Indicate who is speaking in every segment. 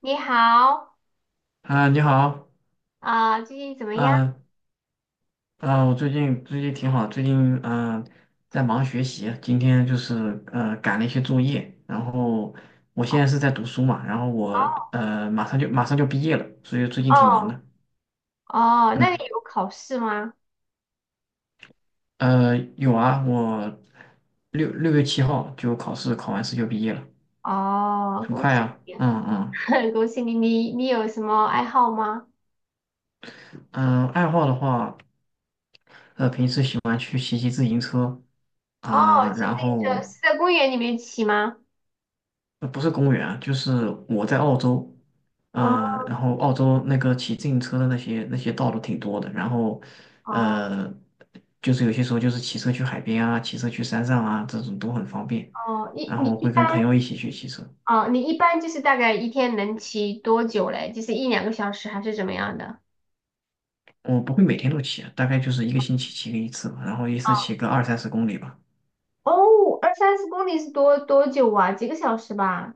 Speaker 1: 你好，
Speaker 2: 啊，你好。
Speaker 1: 啊、最近怎么样？
Speaker 2: 啊我最近挺好，最近嗯、在忙学习，今天就是赶了一些作业，然后我现在
Speaker 1: 哦
Speaker 2: 是在读书嘛，然后我马上就毕业了，所以最近挺忙
Speaker 1: 哦
Speaker 2: 的。
Speaker 1: 哦，那你
Speaker 2: 嗯，
Speaker 1: 有考试吗？
Speaker 2: 有啊，我六月七号就考试，考完试就毕业了，
Speaker 1: 哦，
Speaker 2: 很
Speaker 1: 恭
Speaker 2: 快
Speaker 1: 喜
Speaker 2: 啊。
Speaker 1: 你啊，
Speaker 2: 嗯嗯。
Speaker 1: 恭喜你！你有什么爱好吗？
Speaker 2: 嗯，爱好的话，平时喜欢去骑骑自行车
Speaker 1: 哦，
Speaker 2: 啊、
Speaker 1: 骑自
Speaker 2: 然
Speaker 1: 行车
Speaker 2: 后。
Speaker 1: 是在公园里面骑吗？
Speaker 2: 不是公园啊，就是我在澳洲，
Speaker 1: 哦
Speaker 2: 然后澳洲那个骑自行车的那些道路挺多的，然后，
Speaker 1: 哦
Speaker 2: 呃，就是有些时候就是骑车去海边啊，骑车去山上啊，这种都很方便，
Speaker 1: 哦，你
Speaker 2: 然
Speaker 1: 你
Speaker 2: 后
Speaker 1: 一
Speaker 2: 会
Speaker 1: 般
Speaker 2: 跟朋友一起去骑车，
Speaker 1: 哦，你一般就是大概一天能骑多久嘞？就是一两个小时还是怎么样的？
Speaker 2: 我不会每天都骑啊，大概就是一个星期骑个一次吧，然后一次骑个二三十公里吧。
Speaker 1: 哦，二三十公里是多久啊？几个小时吧？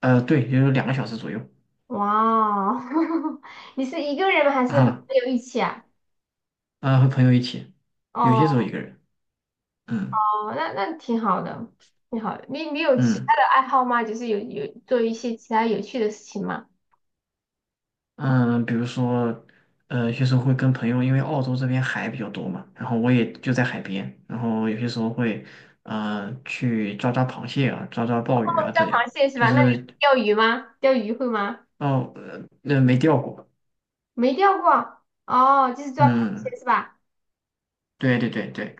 Speaker 2: 对，也就是2个小时左右
Speaker 1: 哇哦，你是一个人吗还是和
Speaker 2: 啊。
Speaker 1: 朋友一起啊？
Speaker 2: 啊，和朋友一起，有些
Speaker 1: 哦，
Speaker 2: 时候一个人，嗯
Speaker 1: 那挺好的，挺好的。你有其他
Speaker 2: 嗯。
Speaker 1: 的爱好吗？就是有做一些其他有趣的事情吗？
Speaker 2: 嗯，比如说，有些时候会跟朋友，因为澳洲这边海比较多嘛，然后我也就在海边，然后有些时候会，去抓抓螃蟹啊，抓抓鲍
Speaker 1: 哦
Speaker 2: 鱼啊，
Speaker 1: 抓
Speaker 2: 这样，
Speaker 1: 螃蟹是
Speaker 2: 就
Speaker 1: 吧？那你
Speaker 2: 是。
Speaker 1: 会钓鱼吗？钓鱼会吗？
Speaker 2: 哦，那、没钓过。
Speaker 1: 没钓过。哦，就是抓螃蟹
Speaker 2: 嗯，
Speaker 1: 是吧？
Speaker 2: 对对对对。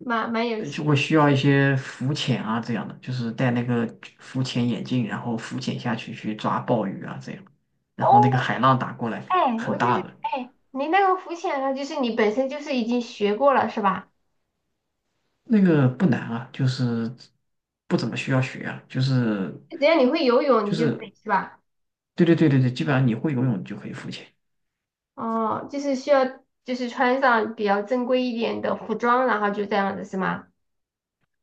Speaker 1: 蛮有趣。
Speaker 2: 就会需要一些浮潜啊这样的，就是戴那个浮潜眼镜，然后浮潜下去去抓鲍鱼啊这样，
Speaker 1: 哦，
Speaker 2: 然后那个海浪打过来
Speaker 1: 哎，我
Speaker 2: 很
Speaker 1: 就
Speaker 2: 大
Speaker 1: 是
Speaker 2: 的。
Speaker 1: 哎，你那个浮潜呢，就是你本身就是已经学过了是吧？
Speaker 2: 那个不难啊，就是不怎么需要学啊，就是。
Speaker 1: 只要你会游泳，
Speaker 2: 就
Speaker 1: 你就可
Speaker 2: 是
Speaker 1: 以是吧？
Speaker 2: 对对对对对，基本上你会游泳你就可以浮潜，
Speaker 1: 哦，就是需要就是穿上比较正规一点的服装，然后就这样子是吗？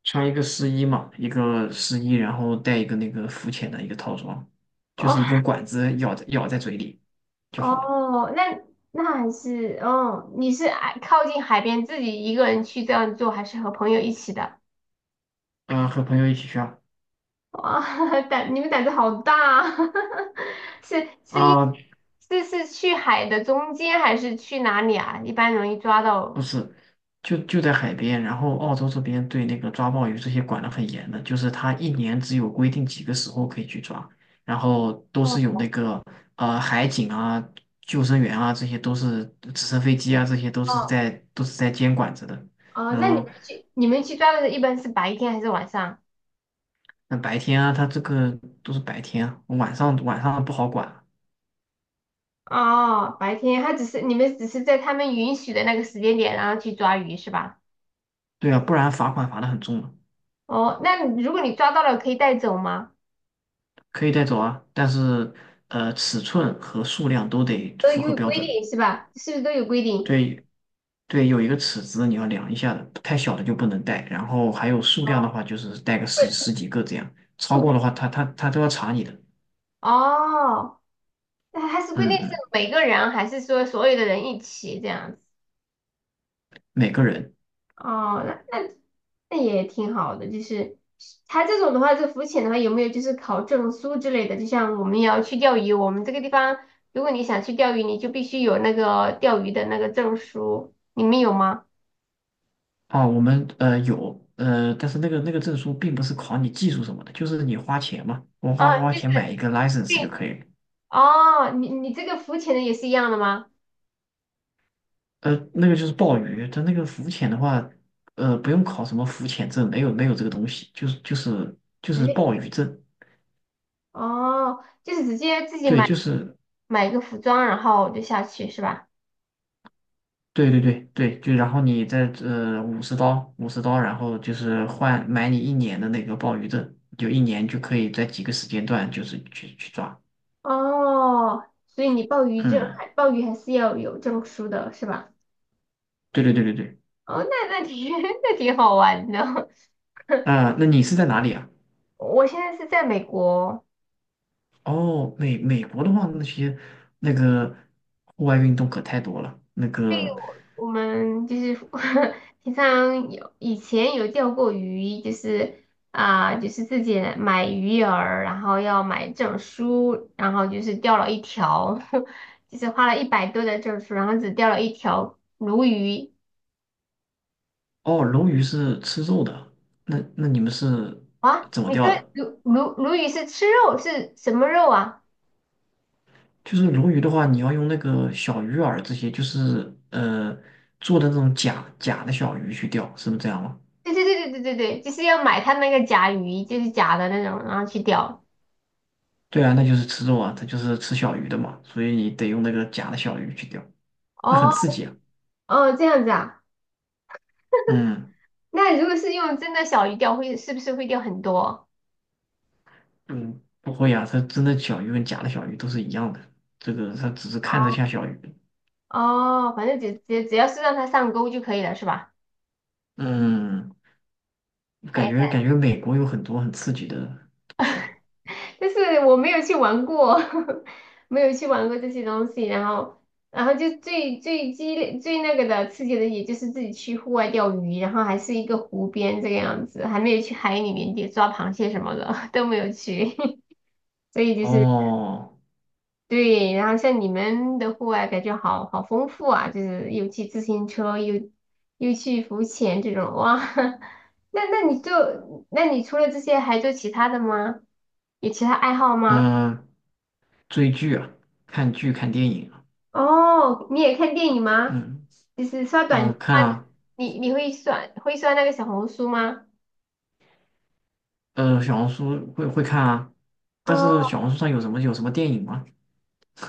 Speaker 2: 穿一个湿衣嘛，一个湿衣，然后带一个那个浮潜的一个套装，就
Speaker 1: 哦
Speaker 2: 是一根管子咬在嘴里就好了。
Speaker 1: 哦，那那还是哦，你是爱靠近海边自己一个人去这样做，还是和朋友一起的？
Speaker 2: 嗯、和朋友一起去啊。
Speaker 1: 哇，你们胆子好大啊，是是因
Speaker 2: 啊、
Speaker 1: 是去海的中间还是去哪里啊？一般容易抓
Speaker 2: 不
Speaker 1: 到。
Speaker 2: 是，就在海边，然后澳洲这边对那个抓鲍鱼这些管得很严的，就是它一年只有规定几个时候可以去抓，然后都是有
Speaker 1: 哦
Speaker 2: 那个海警啊、救生员啊，这些都是直升飞机啊，这些都是
Speaker 1: 哦
Speaker 2: 在都是在监管着的。
Speaker 1: 哦，那
Speaker 2: 嗯，
Speaker 1: 你们去抓的时候一般是白天还是晚上？
Speaker 2: 那白天啊，它这个都是白天啊，晚上不好管。
Speaker 1: 哦，白天他只是你们只是在他们允许的那个时间点，然后去抓鱼是吧？
Speaker 2: 对啊，不然罚款罚得很重的，
Speaker 1: 哦，那如果你抓到了，可以带走吗？
Speaker 2: 可以带走啊，但是尺寸和数量都得
Speaker 1: 都
Speaker 2: 符合
Speaker 1: 有
Speaker 2: 标
Speaker 1: 规
Speaker 2: 准。
Speaker 1: 定是吧？是不是都有规定？
Speaker 2: 对对，有一个尺子你要量一下的，太小的就不能带。然后还有数量的
Speaker 1: 哦，
Speaker 2: 话，就是带个十几个这样，超过的话他都要查你的。
Speaker 1: 哦，那它是规
Speaker 2: 嗯
Speaker 1: 定是
Speaker 2: 嗯，
Speaker 1: 每个人还是说所有的人一起这样子？
Speaker 2: 每个人。
Speaker 1: 哦，那也挺好的，就是他这种的话，这浮潜的话，有没有就是考证书之类的？就像我们也要去钓鱼，我们这个地方，如果你想去钓鱼，你就必须有那个钓鱼的那个证书，你们有吗？
Speaker 2: 啊，我们有但是那个证书并不是考你技术什么的，就是你花钱嘛，我
Speaker 1: 啊，
Speaker 2: 花花
Speaker 1: 就是
Speaker 2: 钱买一个
Speaker 1: 对，
Speaker 2: license 就可以了。
Speaker 1: 哦，你这个浮潜的也是一样的吗？
Speaker 2: 那个就是鲍鱼，它那个浮潜的话，不用考什么浮潜证，没有没有这个东西，就是就是就
Speaker 1: 直
Speaker 2: 是鲍
Speaker 1: 接
Speaker 2: 鱼证，
Speaker 1: 哦，就是直接自己
Speaker 2: 对，
Speaker 1: 买
Speaker 2: 就是。
Speaker 1: 一个服装，然后就下去是吧？
Speaker 2: 对对对对，就然后你再五十刀，然后就是换买你一年的那个鲍鱼证，就一年就可以在几个时间段就是去抓。
Speaker 1: 哦，所以你鲍鱼证
Speaker 2: 嗯，
Speaker 1: 还鲍鱼还是要有证书的是吧？
Speaker 2: 对对对对对。
Speaker 1: 哦，那挺 那挺好玩的。
Speaker 2: 啊、那你是在哪里啊？
Speaker 1: 我现在是在美国，
Speaker 2: 哦，美国的话，那些那个户外运动可太多了。那个。
Speaker 1: 我们就是 平常有以前有钓过鱼，就是啊、就是自己买鱼饵，然后要买证书，然后就是钓了一条，就是花了100多的证书，然后只钓了一条鲈鱼。
Speaker 2: 哦，鲈鱼是吃肉的，那那你们是
Speaker 1: 啊，
Speaker 2: 怎么
Speaker 1: 你
Speaker 2: 钓
Speaker 1: 说
Speaker 2: 的？
Speaker 1: 鲈鱼是吃肉，是什么肉啊？
Speaker 2: 就是鲈鱼的话，你要用那个小鱼饵这些，就是做的那种假假的小鱼去钓，是不是这样吗？
Speaker 1: 对对对对对对对，就是要买它那个甲鱼，就是假的那种，然后去钓。
Speaker 2: 对啊，那就是吃肉啊，它就是吃小鱼的嘛，所以你得用那个假的小鱼去钓，那很
Speaker 1: 哦，
Speaker 2: 刺激啊。
Speaker 1: 哦，这样子啊。
Speaker 2: 嗯
Speaker 1: 那如果是用真的小鱼钓，是不是会钓很多？
Speaker 2: 嗯，不会呀啊，它真的小鱼跟假的小鱼都是一样的，这个它只是看着像小鱼。
Speaker 1: 哦，反正只要是让它上钩就可以了，是吧？
Speaker 2: 嗯，感
Speaker 1: 哎，
Speaker 2: 觉感觉美国有很多很刺激的东西啊。
Speaker 1: 但是我没有去玩过，没有去玩过这些东西。然后，然后就最激烈、最那个的刺激的，也就是自己去户外钓鱼，然后还是一个湖边这个样子，还没有去海里面抓螃蟹什么的 都没有去，所以就是。
Speaker 2: 哦，
Speaker 1: 对，然后像你们的户外感觉好丰富啊，就是又骑自行车，又去浮潜这种，哇！那你除了这些还做其他的吗？有其他爱好吗？
Speaker 2: 嗯，追剧啊，看剧看电影啊，
Speaker 1: 哦，你也看电影吗？
Speaker 2: 嗯。
Speaker 1: 就是刷
Speaker 2: 啊，
Speaker 1: 短，
Speaker 2: 看啊。
Speaker 1: 你会会刷那个小红书吗？
Speaker 2: 小红书会看啊，但是
Speaker 1: 哦，
Speaker 2: 小红书上有什么电影吗？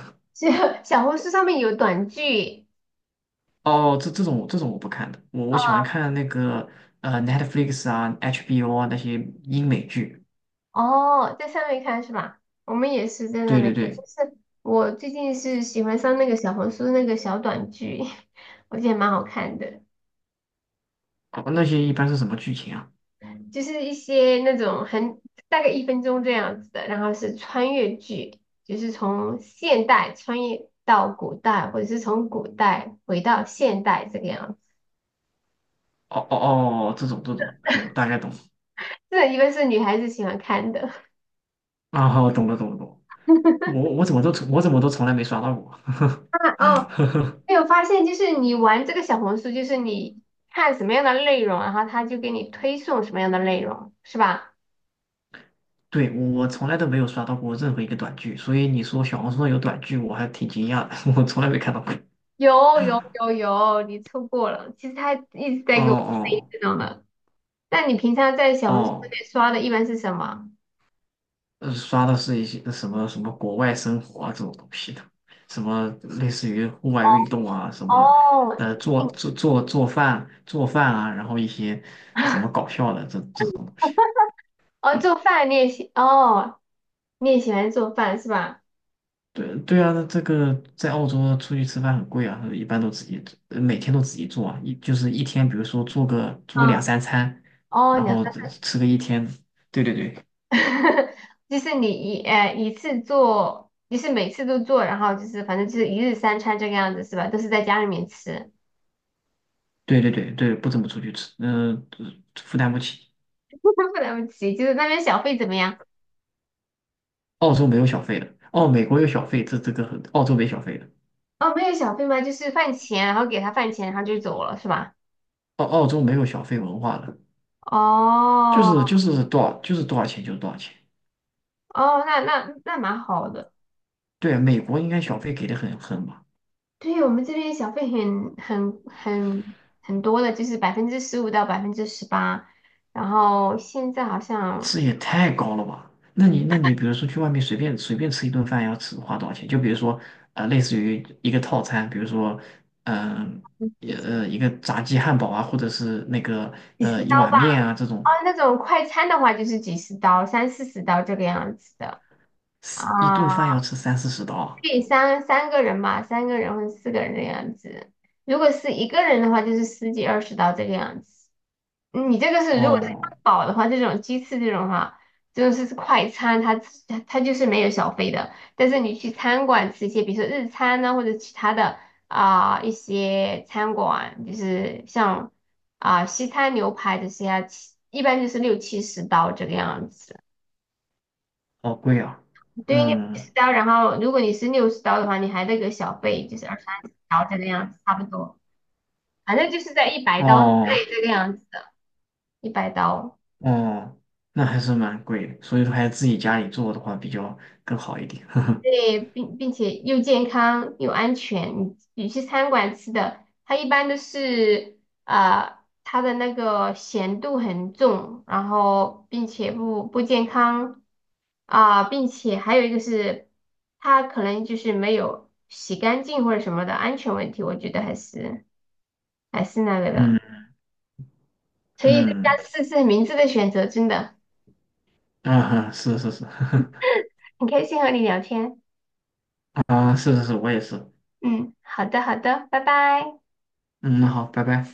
Speaker 1: 小小红书上面有短剧。
Speaker 2: 哦，这种我不看的，我喜欢看那个Netflix 啊、HBO 啊那些英美剧。
Speaker 1: 哦，在上面看是吧？我们也是在那
Speaker 2: 对
Speaker 1: 边
Speaker 2: 对
Speaker 1: 看，
Speaker 2: 对。
Speaker 1: 就是我最近是喜欢上那个小红书那个小短剧，我觉得蛮好看的，
Speaker 2: 哦，那些一般是什么剧情啊？
Speaker 1: 就是一些那种大概1分钟这样子的，然后是穿越剧，就是从现代穿越到古代，或者是从古代回到现代这个样子。
Speaker 2: 哦哦哦，这种这种，嗯，大概懂。
Speaker 1: 这个一般是女孩子喜欢看的。
Speaker 2: 啊，好，懂了懂了懂了。我怎么都从来没刷到过。
Speaker 1: 啊哦，没有发现，就是你玩这个小红书，就是你看什么样的内容，然后他就给你推送什么样的内容，是吧？
Speaker 2: 对，我从来都没有刷到过任何一个短剧，所以你说小红书上有短剧，我还挺惊讶的，我从来没看到过。
Speaker 1: 有有有有，你错过了。其实他一直
Speaker 2: 哦
Speaker 1: 在给我推
Speaker 2: 哦
Speaker 1: 这种的。那你平常在小红书
Speaker 2: 哦。
Speaker 1: 里刷的一般是什么？
Speaker 2: 刷的是一些什么什么国外生活啊这种东西的，什么类似于户外运动啊，什么
Speaker 1: 哦，
Speaker 2: 做饭啊，然后一些什么 搞笑的这种东西。
Speaker 1: 哦，做饭你也喜，哦，你也喜欢做饭是吧？
Speaker 2: 对对啊，那这个在澳洲出去吃饭很贵啊，一般都自己做，每天都自己做啊，一就是一天，比如说做个两
Speaker 1: 啊，
Speaker 2: 三餐，
Speaker 1: 哦，
Speaker 2: 然
Speaker 1: 你
Speaker 2: 后只吃个一天。对对对
Speaker 1: 就是你一次做，就是每次都做，然后就是反正就是一日三餐这个样子是吧？都是在家里面吃，
Speaker 2: 对对对对，不怎么出去吃，负担不起。
Speaker 1: 不了不起。就是那边小费怎么样？
Speaker 2: 澳洲没有小费的，哦，美国有小费，这个很，澳洲没小费的，
Speaker 1: 哦，没有小费吗？就是饭钱，然后给他饭钱，然后就走了是吧？
Speaker 2: 澳洲没有小费文化的，就
Speaker 1: 哦
Speaker 2: 是就是就是多少钱就是多少钱。
Speaker 1: 哦，那蛮好的。
Speaker 2: 对啊，美国应该小费给的很吧，
Speaker 1: 对我们这边小费很多的，就是15%到18%，然后现在好
Speaker 2: 这
Speaker 1: 像
Speaker 2: 也太高了吧？那你比如说去外面随便随便吃一顿饭要吃花多少钱？就比如说类似于一个套餐，比如说嗯、
Speaker 1: 嗯
Speaker 2: 也一个炸鸡汉堡啊，或者是那个
Speaker 1: 几十
Speaker 2: 一
Speaker 1: 刀
Speaker 2: 碗面啊这种，
Speaker 1: 哦，那种快餐的话就是几十刀，三四十刀这个样子的
Speaker 2: 一
Speaker 1: 啊，
Speaker 2: 顿饭要吃三四十刀啊，
Speaker 1: 可以三个人吧，三个人或者四个人的样子。如果是一个人的话，就是十几二十刀这个样子。你这个是如果是
Speaker 2: 哦，
Speaker 1: 汉堡的话，这种鸡翅这种哈，就是快餐，它自它它就是没有小费的。但是你去餐馆吃一些，比如说日餐呐、或者其他的啊、一些餐馆，就是像啊、西餐牛排这些啊，一般就是六七十刀这个样子。
Speaker 2: 好贵啊，
Speaker 1: 对于六七
Speaker 2: 嗯。
Speaker 1: 十刀，然后如果你是60刀的话，你还得给小费，就是二三十刀这个样子，差不多。反正就是在一百刀对
Speaker 2: 哦
Speaker 1: 这个样子，一百刀。
Speaker 2: 哦，那还是蛮贵的，所以说还是自己家里做的话比较更好一点。呵呵。
Speaker 1: 对，并且又健康又安全。你去餐馆吃的，它一般都是啊、它的那个咸度很重，然后并且不健康啊、并且还有一个是它可能就是没有洗干净或者什么的安全问题，我觉得还是那个的。
Speaker 2: 嗯
Speaker 1: 所以大
Speaker 2: 嗯。
Speaker 1: 家试试明智的选择，真的
Speaker 2: 啊，是是是。
Speaker 1: 很开心和你聊天。
Speaker 2: 啊，是是是，我也是。
Speaker 1: 嗯，好的好的，拜拜。
Speaker 2: 嗯，那好，拜拜。